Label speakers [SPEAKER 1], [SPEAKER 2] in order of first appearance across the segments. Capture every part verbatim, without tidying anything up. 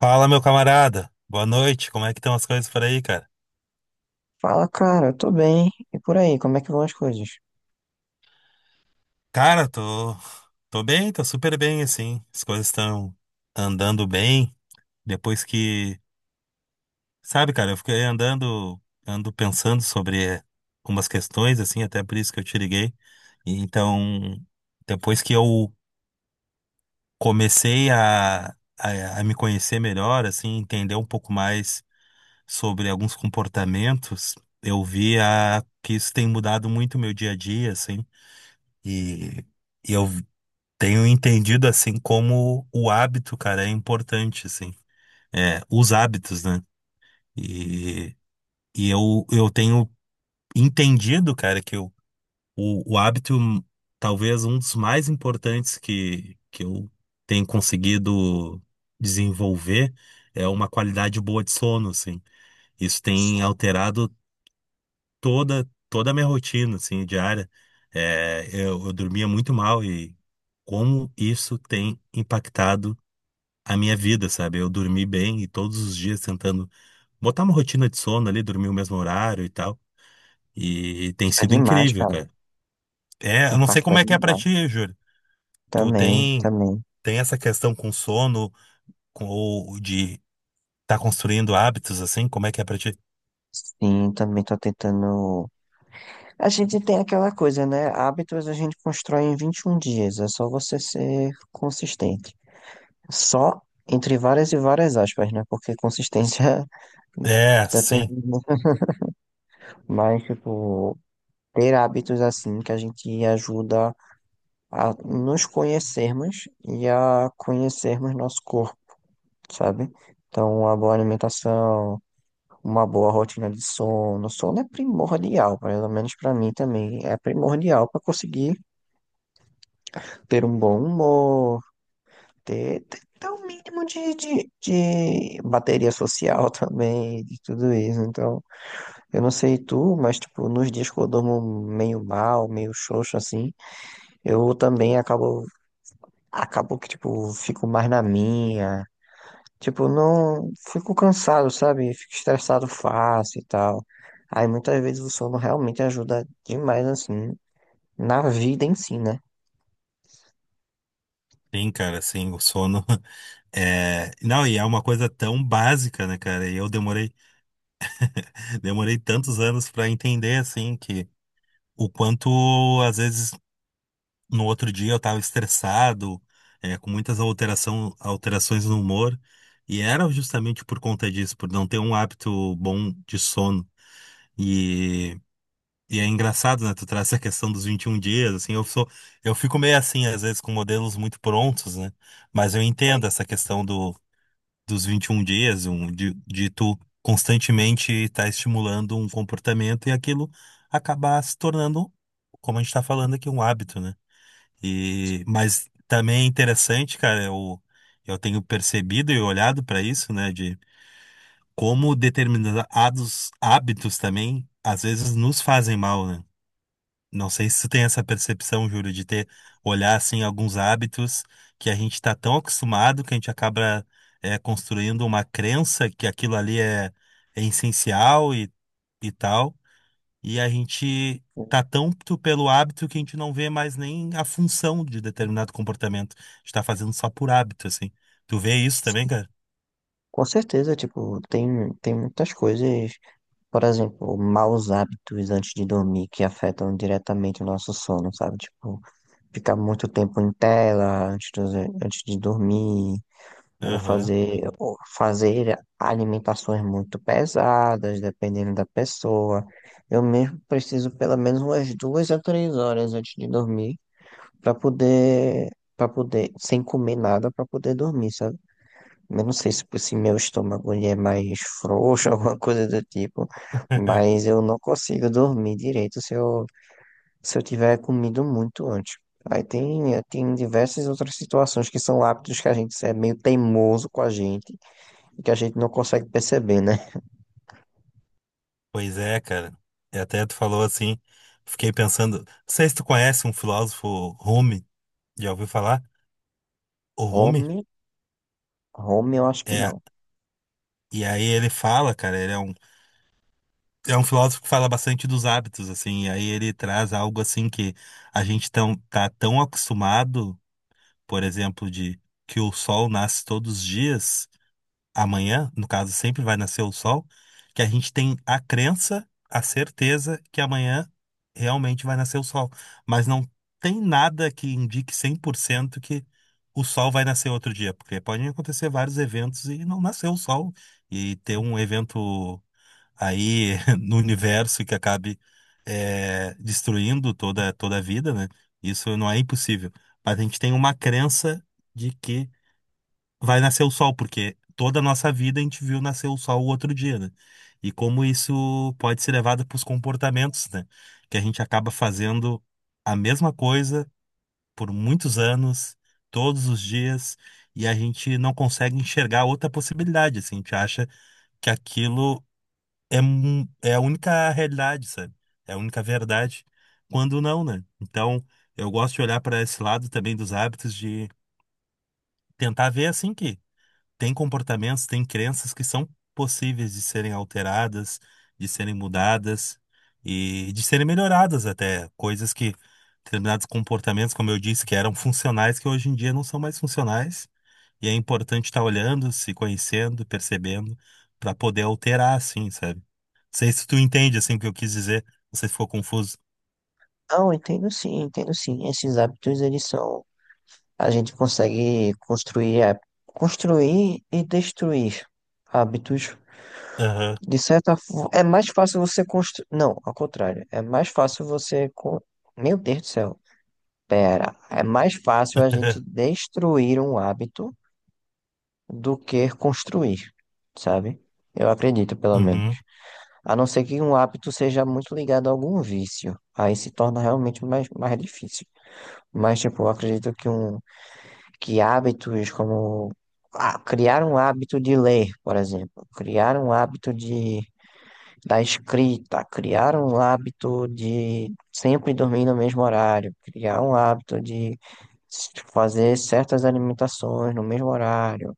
[SPEAKER 1] Fala, meu camarada. Boa noite. Como é que estão as coisas por aí, cara?
[SPEAKER 2] Fala, cara, tô bem. E por aí, como é que vão as coisas?
[SPEAKER 1] Cara, tô tô bem, tô super bem assim. As coisas estão andando bem. Depois que, sabe, cara, eu fiquei andando ando pensando sobre umas questões assim, até por isso que eu te liguei. E Então, depois que eu comecei a a, a me conhecer melhor, assim, entender um pouco mais sobre alguns comportamentos, eu vi a, que isso tem mudado muito o meu dia a dia, assim. E, e eu tenho entendido assim como o hábito, cara, é importante, assim. É, os hábitos, né? E, e eu, eu tenho entendido, cara, que o, o, o hábito, talvez um dos mais importantes que, que eu tenho conseguido desenvolver, é uma qualidade boa de sono, assim. Isso tem alterado toda toda a minha rotina assim diária. É, eu, eu dormia muito mal, e como isso tem impactado a minha vida, sabe? Eu dormi bem e todos os dias tentando botar uma rotina de sono ali, dormir o mesmo horário e tal, e tem
[SPEAKER 2] Tá
[SPEAKER 1] sido
[SPEAKER 2] demais,
[SPEAKER 1] incrível,
[SPEAKER 2] cara.
[SPEAKER 1] cara. É, eu não sei
[SPEAKER 2] Impacta
[SPEAKER 1] como é que é pra
[SPEAKER 2] demais.
[SPEAKER 1] ti, Júlio. Tu
[SPEAKER 2] Também,
[SPEAKER 1] tem
[SPEAKER 2] também.
[SPEAKER 1] tem essa questão com sono, com ou de tá construindo hábitos, assim? Como é que é pra ti?
[SPEAKER 2] Sim, também tô tentando. A gente tem aquela coisa, né? Hábitos a gente constrói em vinte e um dias. É só você ser consistente. Só entre várias e várias aspas, né? Porque consistência
[SPEAKER 1] É,
[SPEAKER 2] depende
[SPEAKER 1] sim,
[SPEAKER 2] muito. Mas, tipo, ter hábitos assim que a gente ajuda a nos conhecermos e a conhecermos nosso corpo, sabe? Então, uma boa alimentação, uma boa rotina de sono. Sono é primordial, pelo menos para mim também. É primordial para conseguir ter um bom humor, ter, ter, ter um mínimo de, de, de bateria social também, de tudo isso. Então, eu não sei tu, mas tipo, nos dias que eu durmo meio mal, meio xoxo assim, eu também acabo. Acabo que, tipo, fico mais na minha. Tipo, não fico cansado, sabe? Fico estressado fácil e tal. Aí muitas vezes o sono realmente ajuda demais, assim, na vida em si, né?
[SPEAKER 1] sim, cara, sim, o sono. É, não, e é uma coisa tão básica, né, cara? E eu demorei, demorei tantos anos pra entender, assim, que o quanto, às vezes, no outro dia eu tava estressado, é, com muitas alteração, alterações no humor, e era justamente por conta disso, por não ter um hábito bom de sono. E, e é engraçado, né, tu traz essa questão dos vinte e um dias, assim, eu sou, eu fico meio assim, às vezes, com modelos muito prontos, né? Mas eu
[SPEAKER 2] Véi?
[SPEAKER 1] entendo essa questão do dos vinte e um dias, um, de, de tu constantemente estar estimulando um comportamento e aquilo acabar se tornando, como a gente está falando aqui, um hábito, né? E, mas também é interessante, cara, eu, eu tenho percebido e olhado para isso, né, de como determinados hábitos também às vezes nos fazem mal, né? Não sei se tu tem essa percepção, Júlio, de ter olhar assim alguns hábitos que a gente está tão acostumado que a gente acaba é, construindo uma crença que aquilo ali é, é essencial e, e tal, e a gente tá tanto pelo hábito que a gente não vê mais nem a função de determinado comportamento. A gente tá fazendo só por hábito, assim. Tu vê isso também, cara?
[SPEAKER 2] Com certeza, tipo, tem, tem muitas coisas, por exemplo, maus hábitos antes de dormir que afetam diretamente o nosso sono, sabe? Tipo, ficar muito tempo em tela antes de, antes de dormir, ou
[SPEAKER 1] Aham.
[SPEAKER 2] fazer, ou fazer alimentações muito pesadas, dependendo da pessoa. Eu mesmo preciso pelo menos umas duas a três horas antes de dormir para poder, para poder, sem comer nada, para poder dormir, sabe? Eu não sei se, se meu estômago ele é mais frouxo, alguma coisa do tipo, mas eu não consigo dormir direito se eu, se eu tiver comido muito antes. Aí tem, tem diversas outras situações que são hábitos que a gente é meio teimoso com a gente, que a gente não consegue perceber, né?
[SPEAKER 1] Pois é, cara. E até tu falou assim, fiquei pensando, não sei se tu conhece um filósofo Rumi, já ouviu falar? O Rumi?
[SPEAKER 2] Home, home eu acho que
[SPEAKER 1] É,
[SPEAKER 2] não.
[SPEAKER 1] e aí ele fala, cara, ele é um, é um filósofo que fala bastante dos hábitos, assim, e aí ele traz algo assim que a gente tão, tá tão acostumado, por exemplo, de que o sol nasce todos os dias, amanhã, no caso, sempre vai nascer o sol, que a gente tem a crença, a certeza que amanhã realmente vai nascer o sol. Mas não tem nada que indique cem por cento que o sol vai nascer outro dia, porque podem acontecer vários eventos e não nascer o sol, e ter um evento aí no universo que acabe eh, destruindo toda, toda a vida, né? Isso não é impossível. Mas a gente tem uma crença de que vai nascer o sol, porque toda a nossa vida a gente viu nascer o sol o outro dia, né? E como isso pode ser levado para os comportamentos, né? Que a gente acaba fazendo a mesma coisa por muitos anos, todos os dias, e a gente não consegue enxergar outra possibilidade, assim, a gente acha que aquilo é, mu- é a única realidade, sabe? É a única verdade, quando não, né? Então, eu gosto de olhar para esse lado também dos hábitos, de tentar ver assim que tem comportamentos, tem crenças que são possíveis de serem alteradas, de serem mudadas e de serem melhoradas até. Coisas que, determinados comportamentos, como eu disse, que eram funcionais, que hoje em dia não são mais funcionais. E é importante estar olhando, se conhecendo, percebendo, para poder alterar, assim, sabe? Não sei se tu entende, assim, o que eu quis dizer. Não sei se ficou confuso.
[SPEAKER 2] Não, entendo sim, entendo sim. Esses hábitos, eles são. A gente consegue construir, há- construir e destruir hábitos.
[SPEAKER 1] Aham.
[SPEAKER 2] De certa forma, é mais fácil você construir. Não, ao contrário. É mais fácil você. co- meu Deus do céu. Pera. É mais fácil a gente destruir um hábito do que construir, sabe? Eu acredito, pelo menos.
[SPEAKER 1] Uhum.
[SPEAKER 2] A não ser que um hábito seja muito ligado a algum vício. Aí se torna realmente mais, mais difícil. Mas, tipo, eu acredito que, um, que hábitos como ah, criar um hábito de ler, por exemplo, criar um hábito de, da escrita, criar um hábito de sempre dormir no mesmo horário, criar um hábito de s- fazer certas alimentações no mesmo horário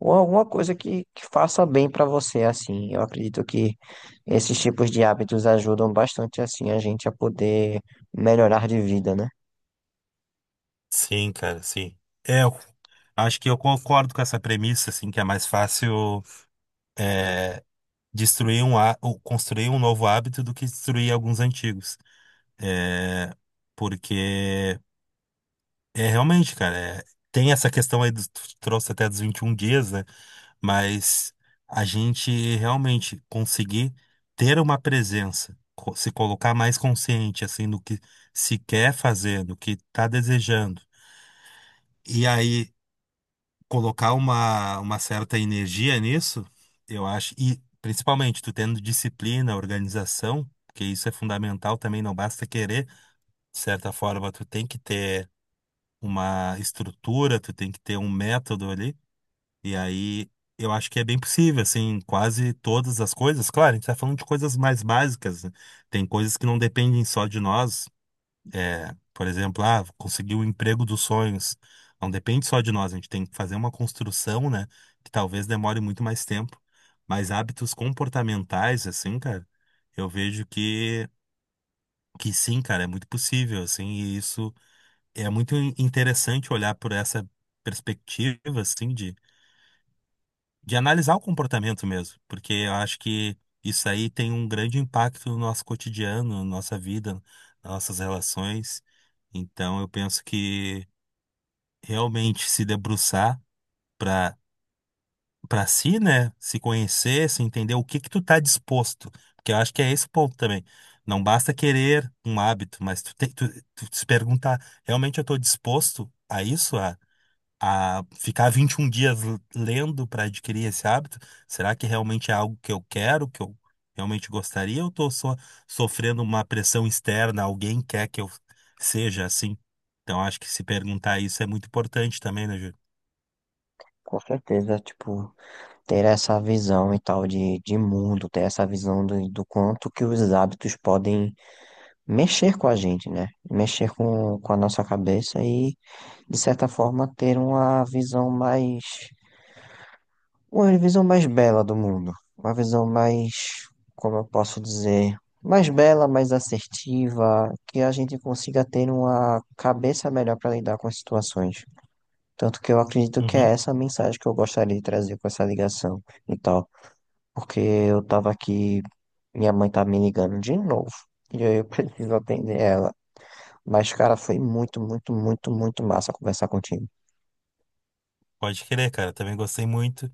[SPEAKER 2] ou alguma coisa que, que faça bem para você, assim. Eu acredito que esses tipos de hábitos ajudam bastante, assim, a gente a poder melhorar de vida, né?
[SPEAKER 1] Sim, cara, sim. É, eu acho que eu concordo com essa premissa, assim, que é mais fácil. É, destruir um, há- ou construir um novo hábito do que destruir alguns antigos. É, porque é realmente, cara, é, tem essa questão aí, do tu trouxe até dos vinte e um dias, né? Mas a gente realmente conseguir ter uma presença, co- se colocar mais consciente, assim, no que se quer fazer, no que tá desejando. E aí colocar uma, uma certa energia nisso, eu acho, e principalmente tu tendo disciplina, organização, porque isso é fundamental também, não basta querer, de certa forma, tu tem que ter uma estrutura, tu tem que ter um método ali, e aí eu acho que é bem possível, assim, quase todas as coisas, claro, a gente tá falando de coisas mais básicas, né? Tem coisas que não dependem só de nós, é, por exemplo, ah, conseguir o emprego dos sonhos. Não depende só de nós, a gente tem que fazer uma construção, né? Que talvez demore muito mais tempo. Mas hábitos comportamentais, assim, cara, eu vejo que, que sim, cara, é muito possível, assim, e isso é muito in- interessante olhar por essa perspectiva, assim, de, de analisar o comportamento mesmo, porque eu acho que isso aí tem um grande impacto no nosso cotidiano, na nossa vida, nas nossas relações. Então, eu penso que realmente se debruçar para para si, né? Se conhecer, se entender o que que tu tá disposto. Porque eu acho que é esse o ponto também. Não basta querer um hábito, mas tu tem tu, tu se perguntar, realmente eu tô disposto a isso, a a ficar vinte e um dias l- lendo para adquirir esse hábito? Será que realmente é algo que eu quero, que eu realmente gostaria, ou tô só sofrendo uma pressão externa, alguém quer que eu seja assim? Então acho que se perguntar isso é muito importante também, né,
[SPEAKER 2] Com certeza, tipo, ter essa visão e tal de, de mundo, ter essa visão do, do quanto que os hábitos podem mexer com a gente, né? Mexer com, com a nossa cabeça e, de certa forma, ter uma visão mais... Uma visão mais bela do mundo. Uma visão mais, como eu posso dizer, mais bela, mais assertiva, que a gente consiga ter uma cabeça melhor para lidar com as situações. Tanto que eu acredito que é
[SPEAKER 1] Júlio?
[SPEAKER 2] essa a mensagem que eu gostaria de trazer com essa ligação e tal. Porque eu tava aqui, minha mãe tá me ligando de novo, e aí eu preciso atender ela. Mas, cara, foi muito, muito, muito, muito massa conversar contigo.
[SPEAKER 1] Pode querer, cara. Também gostei muito.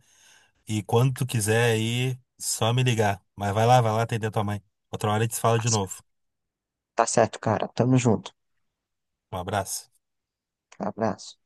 [SPEAKER 1] E quando tu quiser aí, só me ligar. Mas vai lá, vai lá atender tua mãe. Outra hora a gente se fala de novo.
[SPEAKER 2] Tá certo, cara. Tamo junto.
[SPEAKER 1] Um abraço.
[SPEAKER 2] Abraço.